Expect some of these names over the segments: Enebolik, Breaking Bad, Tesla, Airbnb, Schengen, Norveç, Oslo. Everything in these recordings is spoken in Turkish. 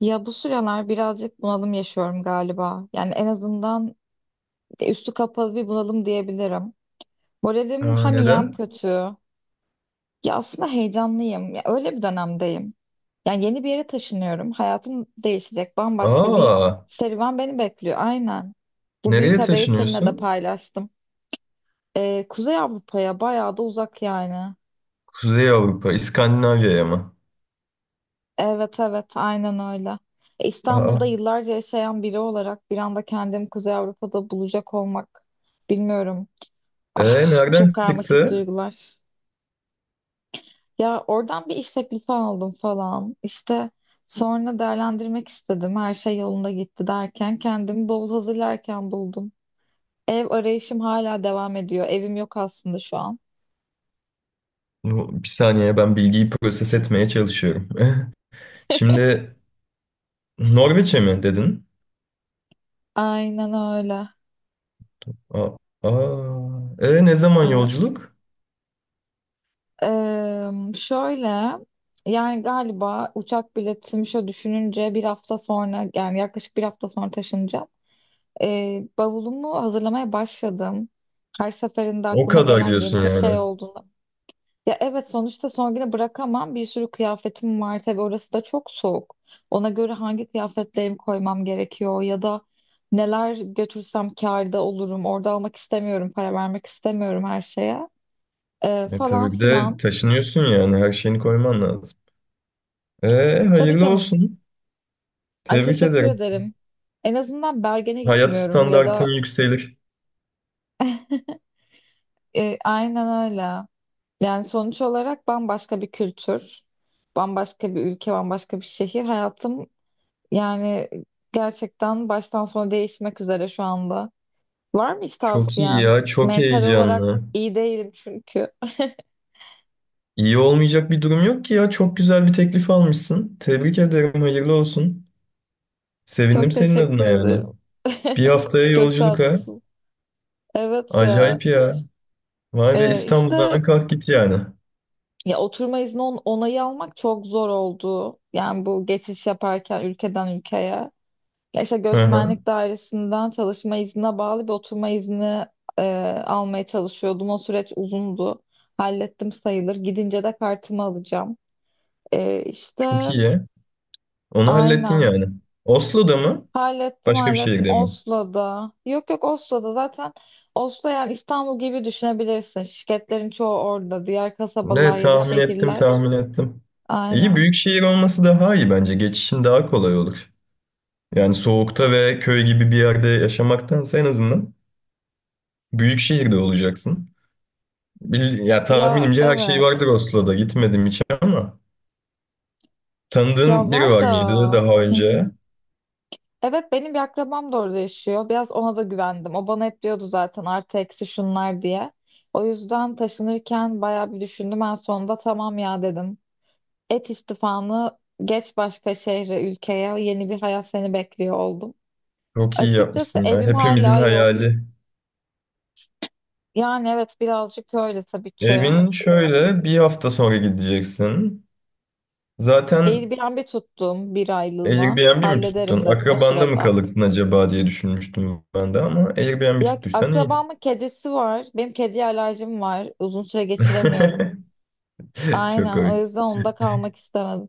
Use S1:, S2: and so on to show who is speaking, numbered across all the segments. S1: Ya bu sıralar birazcık bunalım yaşıyorum galiba. Yani en azından üstü kapalı bir bunalım diyebilirim. Moralim
S2: Aa,
S1: hem iyi hem
S2: neden?
S1: kötü. Ya aslında heyecanlıyım. Ya öyle bir dönemdeyim. Yani yeni bir yere taşınıyorum. Hayatım değişecek. Bambaşka bir
S2: Aa,
S1: serüven beni bekliyor. Aynen. Bu büyük
S2: nereye
S1: haberi seninle de
S2: taşınıyorsun?
S1: paylaştım. Kuzey Avrupa'ya bayağı da uzak yani.
S2: Kuzey Avrupa, İskandinavya'ya mı?
S1: Evet evet aynen öyle. İstanbul'da
S2: Aa,
S1: yıllarca yaşayan biri olarak bir anda kendimi Kuzey Avrupa'da bulacak olmak bilmiyorum.
S2: e,
S1: Ah, çok
S2: nereden
S1: karmaşık
S2: çıktı?
S1: duygular. Ya oradan bir iş teklifi aldım falan. İşte sonra değerlendirmek istedim. Her şey yolunda gitti derken kendimi bavul hazırlarken buldum. Ev arayışım hala devam ediyor. Evim yok aslında şu an.
S2: Bir saniye ben bilgiyi proses etmeye çalışıyorum. Şimdi Norveç'e mi dedin?
S1: Aynen öyle.
S2: Aa, aa, ne zaman
S1: Evet.
S2: yolculuk?
S1: Şöyle yani galiba uçak biletimi şöyle düşününce bir hafta sonra, yani yaklaşık bir hafta sonra taşınacağım. Bavulumu hazırlamaya başladım. Her seferinde
S2: O
S1: aklıma
S2: kadar
S1: gelen
S2: diyorsun
S1: yeni bir şey
S2: yani.
S1: olduğunda. Ya evet, sonuçta son güne bırakamam. Bir sürü kıyafetim var, tabii orası da çok soğuk. Ona göre hangi kıyafetlerimi koymam gerekiyor ya da neler götürsem kârda olurum. Orada almak istemiyorum, para vermek istemiyorum her şeye.
S2: E,
S1: Falan
S2: tabii bir de
S1: filan.
S2: taşınıyorsun yani her şeyini koyman lazım. E,
S1: Tabii
S2: hayırlı
S1: canım.
S2: olsun.
S1: Ay,
S2: Tebrik
S1: teşekkür
S2: ederim.
S1: ederim. En azından Bergen'e
S2: Hayat
S1: gitmiyorum ya da
S2: standartın yükselir.
S1: aynen öyle. Yani sonuç olarak bambaşka bir kültür, bambaşka bir ülke, bambaşka bir şehir. Hayatım yani gerçekten baştan sona değişmek üzere şu anda. Var mı hiç
S2: Çok iyi
S1: tavsiyen?
S2: ya, çok
S1: Mental olarak
S2: heyecanlı.
S1: iyi değilim çünkü.
S2: İyi olmayacak bir durum yok ki ya. Çok güzel bir teklif almışsın. Tebrik ederim, hayırlı olsun.
S1: Çok
S2: Sevindim senin
S1: teşekkür
S2: adına yani.
S1: ederim.
S2: Bir haftaya
S1: Çok
S2: yolculuk ha.
S1: tatlısın. Evet ya.
S2: Acayip ya. Vay be
S1: İşte
S2: İstanbul'dan kalk git yani.
S1: ya oturma izni onayı almak çok zor oldu. Yani bu geçiş yaparken ülkeden ülkeye. Ya işte
S2: Hı hı.
S1: göçmenlik dairesinden çalışma iznine bağlı bir oturma izni e, almaya çalışıyordum. O süreç uzundu. Hallettim sayılır. Gidince de kartımı alacağım. İşte
S2: Çok iyi ya. Onu hallettin
S1: aynen.
S2: yani. Oslo'da mı?
S1: Hallettim
S2: Başka bir
S1: hallettim.
S2: şehirde mi?
S1: Oslo'da. Yok yok, Oslo'da zaten. Oslo yani İstanbul gibi düşünebilirsin. Şirketlerin çoğu orada. Diğer
S2: Ne
S1: kasabalar ya da
S2: tahmin ettim
S1: şehirler.
S2: tahmin ettim. İyi
S1: Aynen.
S2: büyük şehir olması daha iyi bence. Geçişin daha kolay olur. Yani soğukta ve köy gibi bir yerde yaşamaktansa en azından büyük şehirde olacaksın. Ya
S1: Ya
S2: tahminimce her şey vardır
S1: evet.
S2: Oslo'da. Gitmedim hiç ama.
S1: Ya
S2: Tanıdığın biri
S1: var
S2: var mıydı
S1: da.
S2: daha
S1: Hı hı.
S2: önce?
S1: Evet, benim bir akrabam da orada yaşıyor. Biraz ona da güvendim. O bana hep diyordu zaten, artı eksi şunlar diye. O yüzden taşınırken bayağı bir düşündüm. En sonunda tamam ya dedim. Et istifanı, geç başka şehre, ülkeye. Yeni bir hayat seni bekliyor oldum.
S2: Çok iyi
S1: Açıkçası
S2: yapmışsın ya.
S1: evim
S2: Hepimizin
S1: hala yok.
S2: hayali.
S1: Yani evet, birazcık öyle tabii ki.
S2: Evin şöyle bir hafta sonra gideceksin. Zaten
S1: Airbnb tuttum bir aylığına.
S2: Airbnb mi
S1: Hallederim
S2: tuttun?
S1: dedim o
S2: Akrabanda mı
S1: sırada.
S2: kalırsın acaba diye düşünmüştüm ben de ama Airbnb
S1: Ya
S2: tuttuysan iyi.
S1: akrabamın kedisi var. Benim kediye alerjim var. Uzun süre geçiremiyorum.
S2: Çok
S1: Aynen, o
S2: komik.
S1: yüzden onda kalmak istemedim.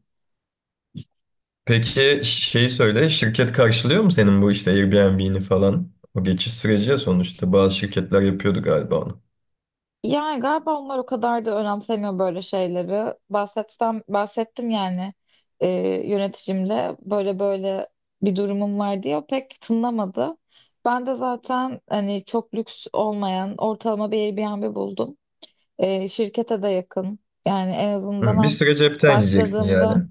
S2: Peki şey söyle, şirket karşılıyor mu senin bu işte Airbnb'ni falan? O geçiş süreci ya sonuçta. Bazı şirketler yapıyordu galiba onu.
S1: Yani galiba onlar o kadar da önemsemiyor böyle şeyleri. Bahsetsem, bahsettim yani, e, yöneticimle böyle böyle bir durumum var diye o pek tınlamadı. Ben de zaten hani çok lüks olmayan ortalama bir Airbnb buldum. Şirkete de yakın. Yani en azından
S2: Hı, bir
S1: hem
S2: süre cepten yiyeceksin yani.
S1: başladığımda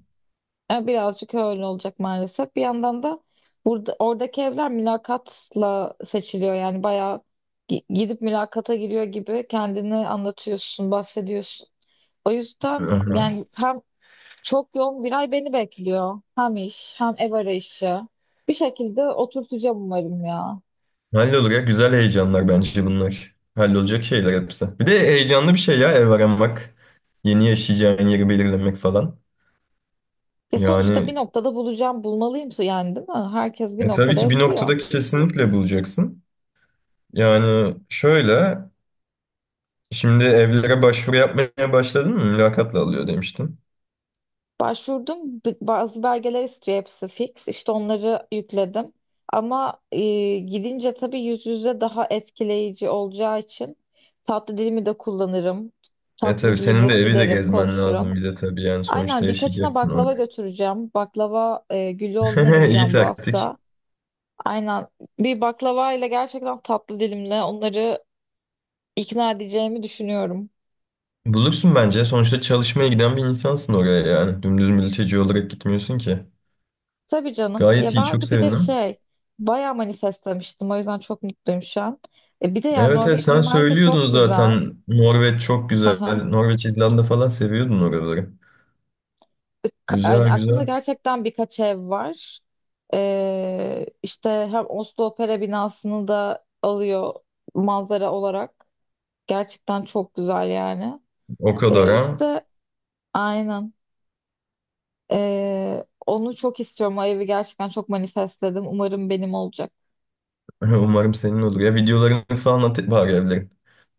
S1: birazcık öyle olacak maalesef. Bir yandan da burada oradaki evler mülakatla seçiliyor. Yani bayağı gidip mülakata giriyor gibi kendini anlatıyorsun, bahsediyorsun. O yüzden
S2: Aha.
S1: yani hem çok yoğun bir ay beni bekliyor. Hem iş, hem ev arayışı. Bir şekilde oturtacağım umarım ya.
S2: Hallolur ya. Güzel heyecanlar bence bunlar. Hallolacak şeyler hepsi. Bir de heyecanlı bir şey ya ev aramak. Yeni yaşayacağın yeri belirlemek falan.
S1: Ya sonuçta bir
S2: Yani
S1: noktada bulacağım, bulmalıyım yani, değil mi? Herkes bir
S2: tabii
S1: noktada
S2: ki
S1: ev
S2: bir
S1: buluyor.
S2: noktada kesinlikle bulacaksın. Yani şöyle şimdi evlere başvuru yapmaya başladın mı? Mülakatla alıyor demiştin.
S1: Başvurdum. Bazı belgeler istiyor, hepsi fix. İşte onları yükledim. Ama gidince tabii yüz yüze daha etkileyici olacağı için tatlı dilimi de kullanırım.
S2: E
S1: Tatlı
S2: tabii senin de
S1: giyinir,
S2: evi de
S1: giderim,
S2: gezmen
S1: konuşurum.
S2: lazım bir de tabii yani sonuçta
S1: Aynen, birkaçına
S2: yaşayacaksın
S1: baklava
S2: orada.
S1: götüreceğim. Baklava, Güllüoğlu'na
S2: İyi
S1: gideceğim bu
S2: taktik.
S1: hafta. Aynen, bir baklava ile gerçekten tatlı dilimle onları ikna edeceğimi düşünüyorum.
S2: Bulursun bence. Sonuçta çalışmaya giden bir insansın oraya yani. Dümdüz mülteci olarak gitmiyorsun ki.
S1: Tabii canım.
S2: Gayet
S1: Ya
S2: iyi,
S1: ben
S2: çok
S1: de bir de
S2: sevindim.
S1: şey, bayağı manifestlemiştim. O yüzden çok mutluyum şu an. Bir de yani
S2: Evet evet
S1: Norveç
S2: sen
S1: mimarisi
S2: söylüyordun
S1: çok güzel.
S2: zaten. Norveç çok güzel.
S1: Aha.
S2: Norveç, İzlanda falan seviyordun oraları. Güzel
S1: Yani aklımda
S2: güzel.
S1: gerçekten birkaç ev var. İşte hem Oslo Opera binasını da alıyor manzara olarak. Gerçekten çok güzel yani.
S2: O kadar ha.
S1: İşte aynen. Onu çok istiyorum. O evi gerçekten çok manifestledim. Umarım benim olacak.
S2: Umarım senin olur. Ya videolarını falan at bari evlerin.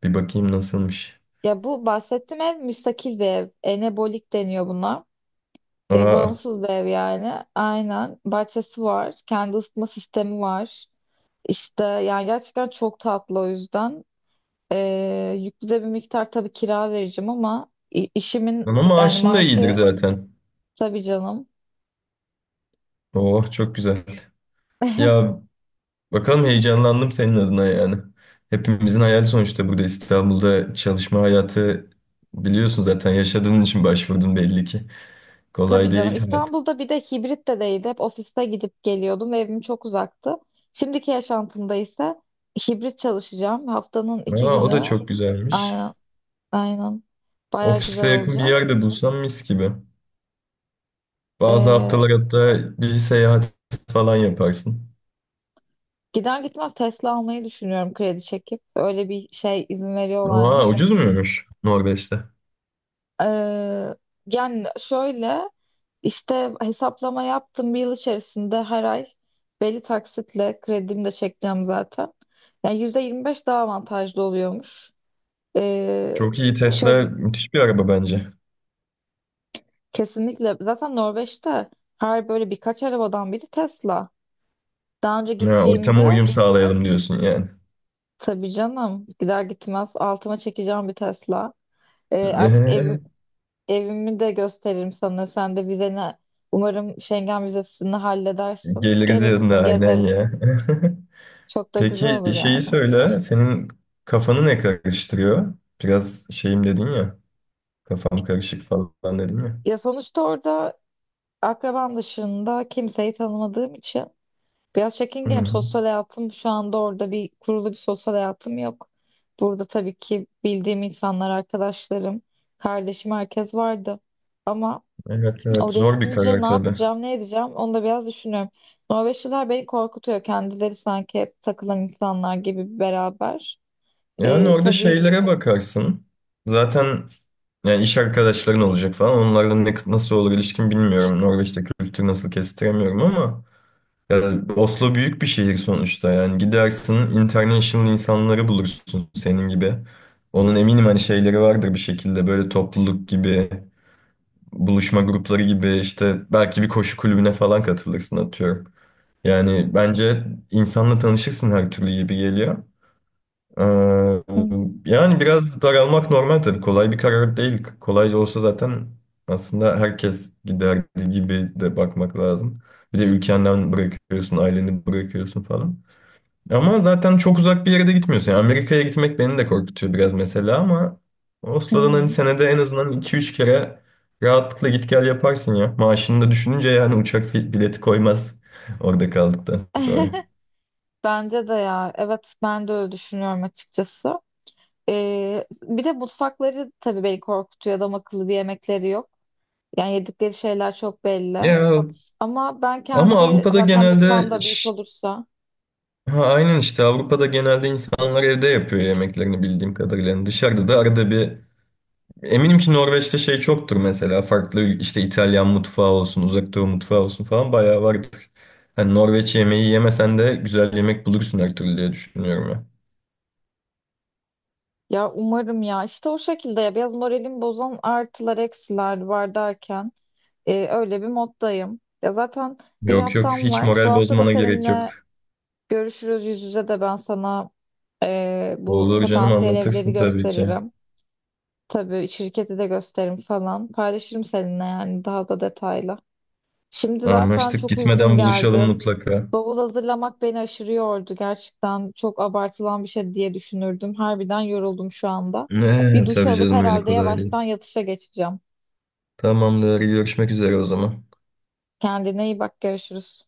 S2: Bir bakayım nasılmış.
S1: Ya bu bahsettiğim ev müstakil bir ev. Enebolik deniyor buna.
S2: Aa,
S1: Bağımsız bir ev yani. Aynen. Bahçesi var. Kendi ısıtma sistemi var. İşte yani gerçekten çok tatlı, o yüzden. E, Yüklü de bir miktar tabii kira vereceğim ama işimin
S2: ama
S1: yani
S2: maaşın da iyidir
S1: maaşı,
S2: zaten.
S1: tabii canım.
S2: Oh çok güzel. Ya bakalım, heyecanlandım senin adına yani. Hepimizin hayali sonuçta, burada İstanbul'da çalışma hayatı biliyorsun zaten, yaşadığın için başvurdun belli ki.
S1: Tabii
S2: Kolay
S1: canım.
S2: değil hayat.
S1: İstanbul'da bir de hibrit de değildi. Hep ofiste gidip geliyordum ve evim çok uzaktı. Şimdiki yaşantımda ise hibrit çalışacağım. Haftanın iki
S2: Aa, o da
S1: günü.
S2: çok güzelmiş.
S1: Aynen. Aynen. Baya
S2: Ofise
S1: güzel
S2: yakın bir
S1: olacak.
S2: yerde bulsam mis gibi. Bazı
S1: Ee,
S2: haftalar hatta bir seyahat falan yaparsın.
S1: Gider gitmez Tesla almayı düşünüyorum, kredi çekip. Öyle bir şey, izin
S2: Aa,
S1: veriyorlarmış.
S2: ucuz muymuş Norveç'te?
S1: Ee, Yani şöyle, işte hesaplama yaptım, bir yıl içerisinde her ay belli taksitle kredimi de çekeceğim zaten. Yani %25 daha avantajlı oluyormuş. Ee,
S2: Çok iyi,
S1: şöyle
S2: Tesla
S1: bir-
S2: müthiş bir araba bence.
S1: Kesinlikle zaten Norveç'te her böyle birkaç arabadan biri Tesla. Daha önce
S2: Ha, ortama
S1: gittiğimde.
S2: uyum sağlayalım diyorsun yani.
S1: Tabii canım. Gider gitmez altıma çekeceğim bir Tesla. Artık evimi de gösteririm sana. Sen de vizeni, umarım Schengen vizesini halledersin.
S2: Geliriz yanına
S1: Gelirsin,
S2: aynen
S1: gezeriz.
S2: ya.
S1: Çok da güzel
S2: Peki
S1: olur
S2: şeyi
S1: yani.
S2: söyle, senin kafanı ne karıştırıyor? Biraz şeyim dedin ya, kafam karışık falan dedin ya.
S1: Ya sonuçta orada akrabam dışında kimseyi tanımadığım için biraz
S2: Hı
S1: çekingenim.
S2: hı.
S1: Sosyal hayatım şu anda, orada bir sosyal hayatım yok. Burada tabii ki bildiğim insanlar, arkadaşlarım, kardeşim, herkes vardı. Ama
S2: Evet evet,
S1: oraya
S2: zor bir
S1: gidince
S2: karar
S1: ne
S2: tabii.
S1: yapacağım, ne edeceğim, onu da biraz düşünüyorum. Norveçliler beni korkutuyor. Kendileri sanki hep takılan insanlar gibi beraber.
S2: Yani orada
S1: Tabii.
S2: şeylere bakarsın. Zaten yani iş arkadaşların olacak falan. Onlarla ne, nasıl olur ilişkin bilmiyorum. Norveç'te kültür nasıl kestiremiyorum ama ya Oslo büyük bir şehir sonuçta. Yani gidersin, international insanları bulursun senin gibi. Onun eminim hani şeyleri vardır bir şekilde, böyle topluluk gibi buluşma grupları gibi, işte belki bir koşu kulübüne falan katılırsın atıyorum. Yani bence insanla tanışırsın, her türlü gibi geliyor. Ee,
S1: Hı
S2: yani biraz daralmak normal tabii. Kolay bir karar değil. Kolay olsa zaten aslında herkes giderdi gibi de bakmak lazım. Bir de ülkenden bırakıyorsun, aileni bırakıyorsun falan. Ama zaten çok uzak bir yere de gitmiyorsun. Yani Amerika'ya gitmek beni de korkutuyor biraz mesela ama
S1: hı.
S2: Oslo'dan hani
S1: Hı.
S2: senede en azından iki üç kere rahatlıkla git gel yaparsın ya. Maaşını da düşününce yani uçak bileti koymaz orada kaldıktan sonra.
S1: Bence de ya. Evet, ben de öyle düşünüyorum açıkçası. Bir de mutfakları tabii beni korkutuyor. Adam akıllı bir yemekleri yok. Yani yedikleri şeyler çok belli.
S2: Ya
S1: Ama ben
S2: ama
S1: kendi
S2: Avrupa'da
S1: zaten mutfağım
S2: genelde
S1: da büyük olursa,
S2: ha, aynen, işte Avrupa'da genelde insanlar evde yapıyor yemeklerini bildiğim kadarıyla. Yani dışarıda da arada bir, eminim ki Norveç'te şey çoktur mesela. Farklı işte İtalyan mutfağı olsun, Uzak Doğu mutfağı olsun falan bayağı vardır. Hani Norveç yemeği yemesen de güzel yemek bulursun her türlü diye düşünüyorum ya.
S1: ya umarım ya işte o şekilde, ya biraz moralimi bozan artılar eksiler var derken öyle bir moddayım. Ya zaten bir
S2: Yok yok,
S1: haftam
S2: hiç
S1: var. Bu
S2: moral
S1: hafta da
S2: bozmana gerek yok.
S1: seninle görüşürüz yüz yüze, de ben sana bu
S2: Olur canım,
S1: potansiyel evleri
S2: anlatırsın tabii ki.
S1: gösteririm. Tabii şirketi de gösteririm falan. Paylaşırım seninle yani, daha da detaylı. Şimdi zaten
S2: Anlaştık,
S1: çok uykum
S2: gitmeden buluşalım
S1: geldi.
S2: mutlaka.
S1: Bavul hazırlamak beni aşırı yordu. Gerçekten çok abartılan bir şey diye düşünürdüm. Harbiden yoruldum şu anda. Bir
S2: Ne
S1: duş
S2: tabii
S1: alıp
S2: canım, öyle
S1: herhalde
S2: kolay
S1: yavaştan
S2: değil.
S1: yatışa geçeceğim.
S2: Tamamdır, görüşmek üzere o zaman.
S1: Kendine iyi bak, görüşürüz.